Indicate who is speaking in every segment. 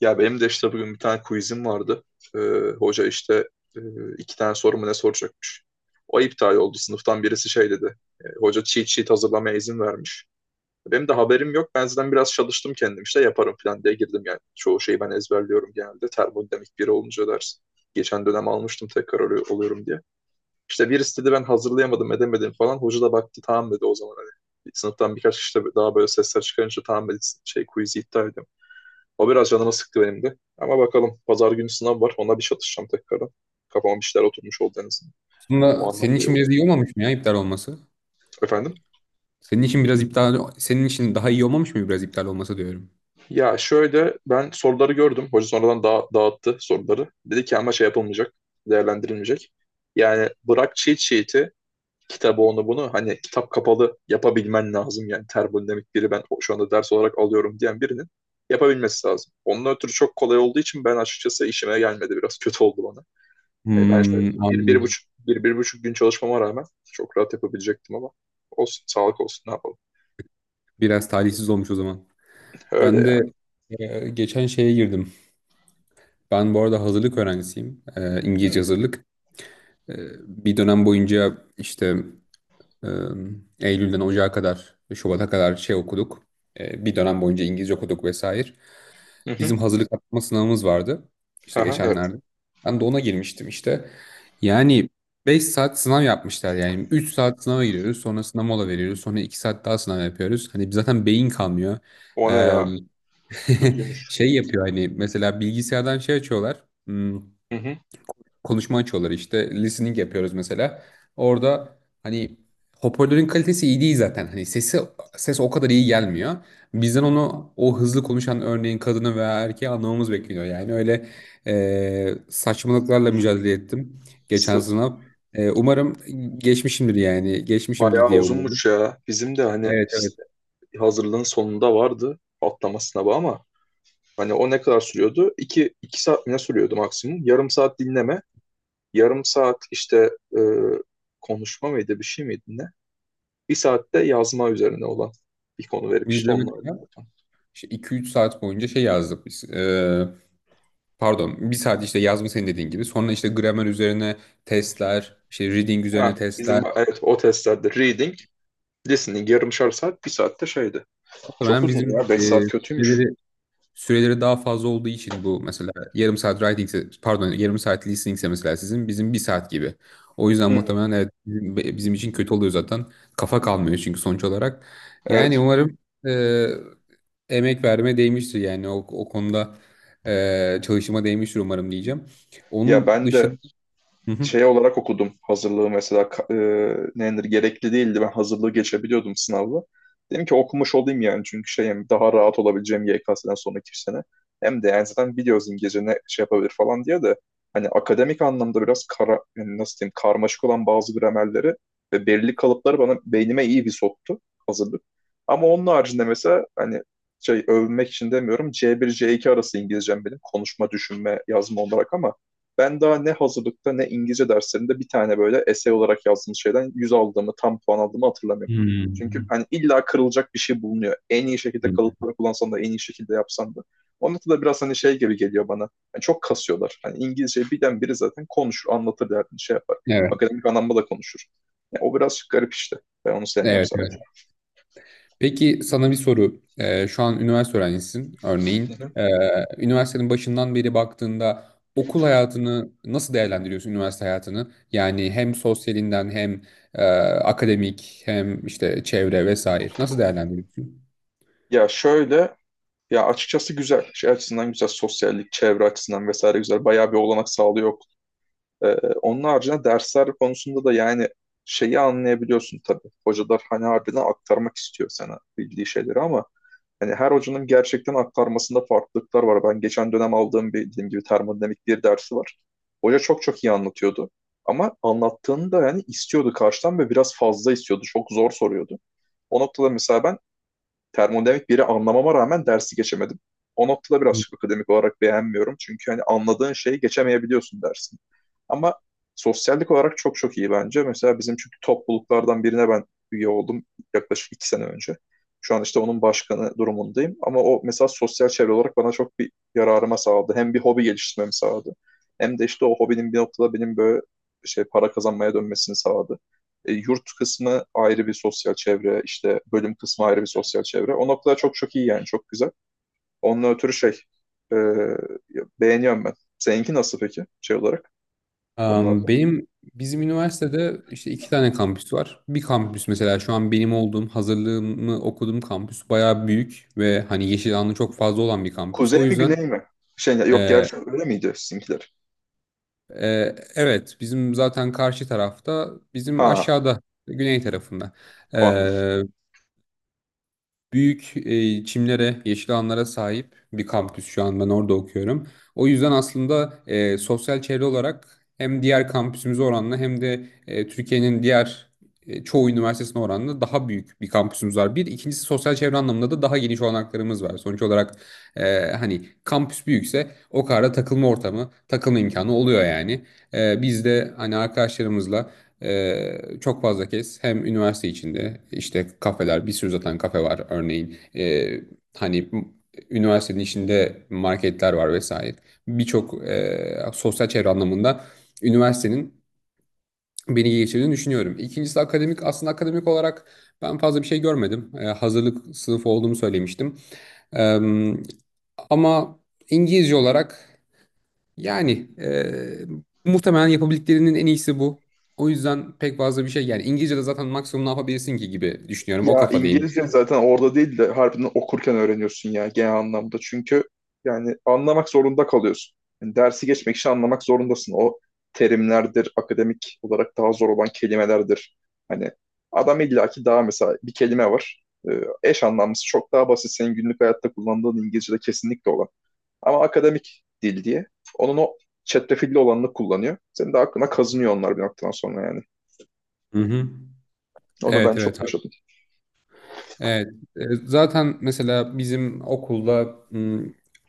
Speaker 1: Ya benim de işte bugün bir tane quizim vardı. Ee, Hoca işte e, iki tane sorumu ne soracakmış. O iptal oldu. Sınıftan birisi şey dedi. Hoca cheat sheet hazırlamaya izin vermiş. Benim de haberim yok. Ben zaten biraz çalıştım, kendim işte yaparım falan diye girdim yani. Çoğu şeyi ben ezberliyorum genelde. Termodinamik biri olunca ders. Geçen dönem almıştım, tekrar oluyorum diye. İşte birisi dedi ben hazırlayamadım edemedim falan. Hoca da baktı, tamam dedi o zaman hani. Sınıftan birkaç kişi de daha böyle sesler çıkarınca tamam dedi, şey quiz'i iptal edin, o biraz canımı sıktı benim de. Ama bakalım, pazar günü sınav var. Ona bir çatışacağım tekrardan. Kafama bir şeyler oturmuş oldu en azından. O
Speaker 2: Aslında senin
Speaker 1: anlamda iyi
Speaker 2: için
Speaker 1: oldu.
Speaker 2: biraz iyi olmamış mı ya iptal olması?
Speaker 1: Efendim?
Speaker 2: Senin için biraz iptal, senin için daha iyi olmamış mı biraz iptal olması diyorum.
Speaker 1: Ya şöyle, ben soruları gördüm. Hoca sonradan da dağıttı soruları. Dedi ki ama şey yapılmayacak. Değerlendirilmeyecek. Yani bırak cheat sheet'i, kitabı, onu bunu, hani kitap kapalı yapabilmen lazım. Yani termodinamik biri ben şu anda ders olarak alıyorum diyen birinin yapabilmesi lazım. Onun ötürü çok kolay olduğu için ben açıkçası işime gelmedi. Biraz kötü oldu bana. Yani ben şöyle
Speaker 2: Hmm,
Speaker 1: bir, bir
Speaker 2: anladım.
Speaker 1: buçuk, bir, bir buçuk gün çalışmama rağmen çok rahat yapabilecektim ama olsun, sağlık olsun, ne yapalım.
Speaker 2: Biraz talihsiz olmuş o zaman.
Speaker 1: Öyle
Speaker 2: Ben de
Speaker 1: ya.
Speaker 2: geçen şeye girdim. Ben bu arada hazırlık öğrencisiyim. İngilizce hazırlık. E, bir dönem boyunca işte e, Eylül'den Ocağa kadar, Şubat'a kadar şey okuduk. Bir dönem boyunca İngilizce okuduk vesaire.
Speaker 1: Hı hı.
Speaker 2: Bizim hazırlık atma sınavımız vardı. İşte
Speaker 1: Aha, evet.
Speaker 2: geçenlerde. Ben de ona girmiştim işte. Yani 5 saat sınav yapmışlar yani. 3 saat sınava giriyoruz. Sonra sınav mola veriyoruz. Sonra 2 saat daha sınav yapıyoruz. Hani zaten beyin kalmıyor.
Speaker 1: O ne
Speaker 2: Ee,
Speaker 1: ya? Kötüymüş.
Speaker 2: şey yapıyor hani mesela bilgisayardan şey açıyorlar.
Speaker 1: Hı hı.
Speaker 2: Konuşma açıyorlar işte. Listening yapıyoruz mesela. Orada hani hoparlörün kalitesi iyi değil zaten. Hani ses o kadar iyi gelmiyor. Bizden onu o hızlı konuşan örneğin kadını veya erkeği anlamamız bekleniyor. Yani öyle saçmalıklarla mücadele ettim geçen
Speaker 1: Sı-
Speaker 2: sınav. Umarım geçmişimdir yani. Geçmişimdir
Speaker 1: Bayağı
Speaker 2: diye umarım.
Speaker 1: uzunmuş ya. Bizim de hani
Speaker 2: Evet, evet.
Speaker 1: hazırlığın sonunda vardı atlama sınavı ama hani o ne kadar sürüyordu? İki, iki saat mi ne sürüyordu maksimum? Yarım saat dinleme. Yarım saat işte e, konuşma mıydı, bir şey miydi ne? Bir saatte yazma üzerine olan bir konu verip
Speaker 2: Biz
Speaker 1: işte
Speaker 2: de
Speaker 1: onunla öyle.
Speaker 2: mesela 2-3 saat boyunca şey yazdık biz. Pardon, bir saat işte yazma senin dediğin gibi. Sonra işte gramer üzerine testler, işte reading üzerine
Speaker 1: Ha,
Speaker 2: testler.
Speaker 1: bizim evet o testlerde reading, listening yarımşar saat, bir saatte şeydi. Çok
Speaker 2: Muhtemelen
Speaker 1: uzun ya.
Speaker 2: bizim
Speaker 1: Beş saat kötüymüş.
Speaker 2: süreleri, süreleri daha fazla olduğu için bu mesela yarım saat writing, pardon yarım saat listening ise mesela sizin bizim bir saat gibi. O yüzden
Speaker 1: Hı,
Speaker 2: muhtemelen evet, bizim için kötü oluyor zaten. Kafa kalmıyor çünkü sonuç olarak. Yani
Speaker 1: evet.
Speaker 2: umarım e, emek verme değmiştir yani o konuda çalışıma değmiştir umarım diyeceğim.
Speaker 1: Ya
Speaker 2: Onun
Speaker 1: ben de
Speaker 2: dışında... Hı hı.
Speaker 1: şey olarak okudum hazırlığı mesela, nedir, gerekli değildi, ben hazırlığı geçebiliyordum sınavla. Dedim ki okumuş olayım yani, çünkü şey, hem daha rahat olabileceğim YKS'den sonraki sene, hem de yani zaten biliyoruz İngilizce ne şey yapabilir falan diye de, hani akademik anlamda biraz kara, yani nasıl diyeyim, karmaşık olan bazı gramerleri ve belirli kalıpları bana, beynime iyi bir soktu hazırlık. Ama onun haricinde mesela hani, şey övmek için demiyorum, C1 C2 arası İngilizcem benim, konuşma, düşünme, yazma olarak, ama ben daha ne hazırlıkta ne İngilizce derslerinde bir tane böyle essay olarak yazdığım şeyden 100 aldığımı, tam puan aldığımı hatırlamıyorum. Çünkü
Speaker 2: Hmm.
Speaker 1: hani illa kırılacak bir şey bulunuyor. En iyi şekilde kalıpları kullansan da, en iyi şekilde yapsan da. Onun da biraz hani şey gibi geliyor bana. Yani çok kasıyorlar. Hani İngilizceyi bilen biri zaten konuşur, anlatır derdini, şey yapar.
Speaker 2: Evet.
Speaker 1: Akademik anlamda da konuşur. Yani o biraz garip işte. Ben onu sevmiyorum
Speaker 2: Evet, evet.
Speaker 1: sadece.
Speaker 2: Peki sana bir soru. Şu an üniversite öğrencisisin
Speaker 1: Hı
Speaker 2: örneğin.
Speaker 1: hı.
Speaker 2: Üniversitenin başından beri baktığında okul hayatını nasıl değerlendiriyorsun üniversite hayatını? Yani hem sosyalinden hem e, akademik hem işte çevre vesaire nasıl değerlendiriyorsun?
Speaker 1: Ya şöyle, ya açıkçası güzel. Şey açısından güzel, sosyallik, çevre açısından vesaire güzel. Bayağı bir olanak sağlıyor. Ee, Onun haricinde dersler konusunda da yani, şeyi anlayabiliyorsun tabii. Hocalar hani harbiden aktarmak istiyor sana bildiği şeyleri ama hani her hocanın gerçekten aktarmasında farklılıklar var. Ben geçen dönem aldığım bir dediğim gibi termodinamik bir dersi var. Hoca çok çok iyi anlatıyordu. Ama anlattığını da yani istiyordu karşıdan ve biraz fazla istiyordu. Çok zor soruyordu. O noktada mesela ben termodinamik biri anlamama rağmen dersi geçemedim. O noktada birazcık akademik olarak beğenmiyorum. Çünkü hani anladığın şeyi geçemeyebiliyorsun dersin. Ama sosyallik olarak çok çok iyi bence. Mesela bizim çünkü, topluluklardan birine ben üye oldum yaklaşık iki sene önce. Şu an işte onun başkanı durumundayım. Ama o mesela sosyal çevre olarak bana çok bir yararıma sağladı. Hem bir hobi geliştirmemi sağladı. Hem de işte o hobinin bir noktada benim böyle şey, para kazanmaya dönmesini sağladı. Yurt kısmı ayrı bir sosyal çevre, işte bölüm kısmı ayrı bir sosyal çevre. O noktalar çok çok iyi yani, çok güzel. Onunla ötürü şey, e, beğeniyorum ben. Seninki nasıl peki, şey olarak bu
Speaker 2: Am,
Speaker 1: konularda?
Speaker 2: benim bizim üniversitede işte iki tane kampüs var. Bir kampüs mesela şu an benim olduğum hazırlığımı okuduğum kampüs bayağı büyük ve hani yeşil alanı çok fazla olan bir kampüs. O
Speaker 1: Kuzey mi,
Speaker 2: yüzden
Speaker 1: güney mi? Şey yok gerçi, öyle miydi sizinkiler?
Speaker 2: Evet, bizim zaten karşı tarafta, bizim
Speaker 1: Ha,
Speaker 2: aşağıda, güney tarafında
Speaker 1: o anladım.
Speaker 2: büyük çimlere, yeşil alanlara sahip bir kampüs şu an ben orada okuyorum. O yüzden aslında sosyal çevre olarak hem diğer kampüsümüze oranla hem de Türkiye'nin diğer çoğu üniversitesine oranla daha büyük bir kampüsümüz var. Bir, ikincisi sosyal çevre anlamında da daha geniş olanaklarımız var. Sonuç olarak hani kampüs büyükse o kadar da takılma ortamı, takılma imkanı oluyor yani. Biz de hani arkadaşlarımızla çok fazla kez hem üniversite içinde işte kafeler bir sürü zaten kafe var örneğin. Hani üniversitenin içinde marketler var vesaire birçok sosyal çevre anlamında üniversitenin beni geçirdiğini düşünüyorum. İkincisi akademik, aslında akademik olarak ben fazla bir şey görmedim. Hazırlık sınıfı olduğumu söylemiştim. Ee, ama İngilizce olarak yani eee, muhtemelen yapabildiklerinin en iyisi bu. O yüzden pek fazla bir şey yani İngilizce'de zaten maksimum ne yapabilirsin ki gibi düşünüyorum. O
Speaker 1: Ya
Speaker 2: kafadayım.
Speaker 1: İngilizce zaten orada değil de harbiden okurken öğreniyorsun ya, genel anlamda. Çünkü yani anlamak zorunda kalıyorsun. Yani dersi geçmek için anlamak zorundasın. O terimlerdir, akademik olarak daha zor olan kelimelerdir. Hani adam illaki daha mesela bir kelime var. Eş anlamlısı çok daha basit, senin günlük hayatta kullandığın İngilizce'de kesinlikle olan. Ama akademik dil diye onun o çetrefilli olanını kullanıyor. Senin de aklına kazınıyor onlar bir noktadan sonra yani.
Speaker 2: Hı hı.
Speaker 1: Onu ben
Speaker 2: Evet, evet.
Speaker 1: çok yaşadım.
Speaker 2: Evet. Zaten mesela bizim okulda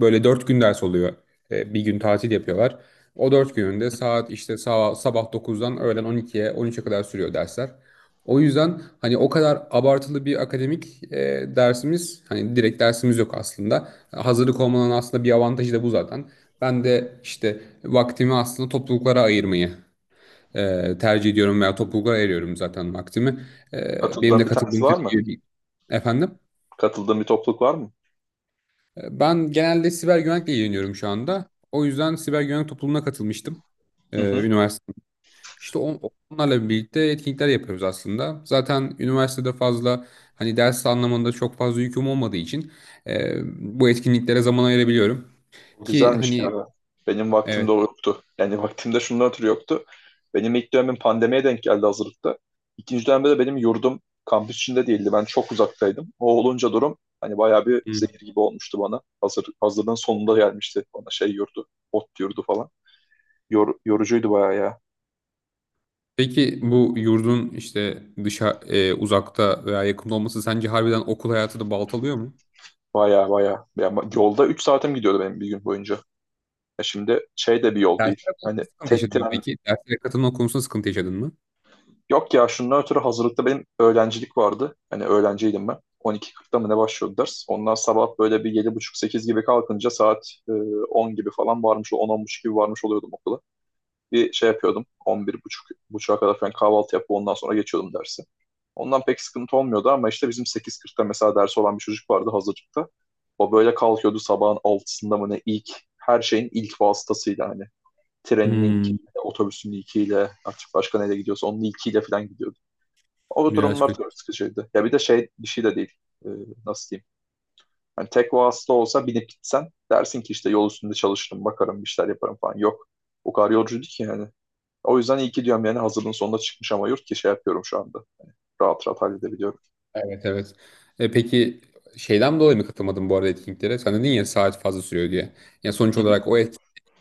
Speaker 2: böyle 4 gün ders oluyor. Bir gün tatil yapıyorlar. O 4 gününde
Speaker 1: Hı hı.
Speaker 2: saat işte sabah 9'dan öğlen 12'ye 13'e kadar sürüyor dersler. O yüzden hani o kadar abartılı bir akademik dersimiz hani direkt dersimiz yok aslında. Hazırlık olmanın aslında bir avantajı da bu zaten. Ben de işte vaktimi aslında topluluklara ayırmayı tercih ediyorum veya topluluklara ayırıyorum zaten vaktimi. Benim
Speaker 1: Katıldığın
Speaker 2: de
Speaker 1: bir tanesi
Speaker 2: katıldığım
Speaker 1: var
Speaker 2: tabii
Speaker 1: mı?
Speaker 2: ki efendim.
Speaker 1: Katıldığın bir topluluk var mı?
Speaker 2: Ben genelde siber güvenlikle ilgileniyorum şu anda. O yüzden siber güvenlik topluluğuna katılmıştım. E,
Speaker 1: Hı hı.
Speaker 2: üniversite. İşte onlarla birlikte etkinlikler yapıyoruz aslında. Zaten üniversitede fazla hani ders anlamında çok fazla yüküm olmadığı için e, bu etkinliklere zaman ayırabiliyorum. Ki
Speaker 1: Güzelmiş
Speaker 2: hani
Speaker 1: ya. Benim
Speaker 2: evet.
Speaker 1: vaktimde yoktu. Yani vaktimde şundan ötürü yoktu. Benim ilk dönemim pandemiye denk geldi hazırlıkta. İkinci dönemde de benim yurdum kampüs içinde değildi. Ben çok uzaktaydım. O olunca durum hani bayağı bir zehir gibi olmuştu bana. Hazırlığın sonunda gelmişti bana şey yurdu. Ot yurdu falan. Yorucuydu bayağı ya.
Speaker 2: Peki bu yurdun işte uzakta veya yakında olması sence harbiden okul hayatı da baltalıyor mu?
Speaker 1: Bayağı bayağı. Ya, yolda 3 saatim gidiyordu benim bir gün boyunca. Ya şimdi şey de bir yol değil.
Speaker 2: Dersler
Speaker 1: Hani
Speaker 2: konusunda sıkıntı
Speaker 1: tek
Speaker 2: yaşadın mı
Speaker 1: tren.
Speaker 2: peki? Derslere katılma konusunda sıkıntı yaşadın mı?
Speaker 1: Yok ya, şundan ötürü hazırlıkta benim öğrencilik vardı. Hani öğrenciydim ben. 12:40'da mı ne başlıyordu ders. Ondan sabah böyle bir yedi buçuk sekiz gibi kalkınca saat 10 gibi falan varmış, on 10:30 gibi varmış oluyordum okula. Bir şey yapıyordum, 11:30'a kadar falan kahvaltı yapıp ondan sonra geçiyordum dersi. Ondan pek sıkıntı olmuyordu ama işte bizim 8:40'da mesela dersi olan bir çocuk vardı hazırlıkta. O böyle kalkıyordu sabahın altısında mı ne, ilk, her şeyin ilk vasıtasıyla hani. Trenin ilk,
Speaker 2: Hmm,
Speaker 1: otobüsün ilkiyle, artık başka neyle gidiyorsa onun ilkiyle falan gidiyordu. O
Speaker 2: Biraz
Speaker 1: durumlar
Speaker 2: kötü.
Speaker 1: çok sıkıcıydı. Ya bir de şey, bir şey de değil. Ee, Nasıl diyeyim? Hani tek vasıta olsa binip gitsen dersin ki işte yol üstünde çalışırım, bakarım, bir şeyler yaparım falan. Yok. O kadar yolcuydu ki yani. O yüzden iyi ki diyorum yani hazırlığın sonunda çıkmış ama yurt, ki şey yapıyorum şu anda. Rahat rahat halledebiliyorum.
Speaker 2: Evet, evet. Peki şeyden dolayı mı katılmadın bu arada etkinliklere? Sen dedin ya saat fazla sürüyor diye. Ya sonuç
Speaker 1: Hı hı.
Speaker 2: olarak o etkinlik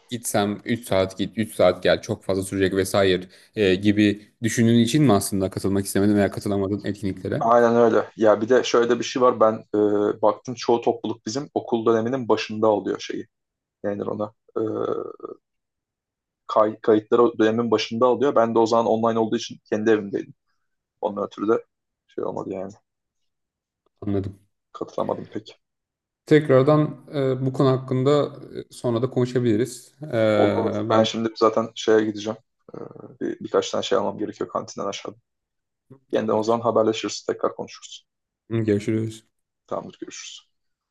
Speaker 2: gitsem 3 saat git 3 saat gel çok fazla sürecek vesaire gibi düşündüğün için mi aslında katılmak istemedin veya katılamadın etkinliklere?
Speaker 1: Aynen öyle. Ya bir de şöyle bir şey var. Ben baktım, çoğu topluluk bizim okul döneminin başında alıyor şeyi. Yani ona. Kayıtları dönemin başında alıyor. Ben de o zaman online olduğu için kendi evimdeydim. Ondan ötürü de şey olmadı yani.
Speaker 2: Anladım.
Speaker 1: Katılamadım pek.
Speaker 2: Tekrardan bu konu hakkında sonra da konuşabiliriz. E,
Speaker 1: Olur olur. Ben
Speaker 2: ben
Speaker 1: şimdi zaten şeye gideceğim. Ee, Birkaç tane şey almam gerekiyor kantinden aşağıda. Yeniden o zaman
Speaker 2: tamamdır.
Speaker 1: haberleşiriz. Tekrar konuşuruz.
Speaker 2: Görüşürüz.
Speaker 1: Tamamdır. Görüşürüz.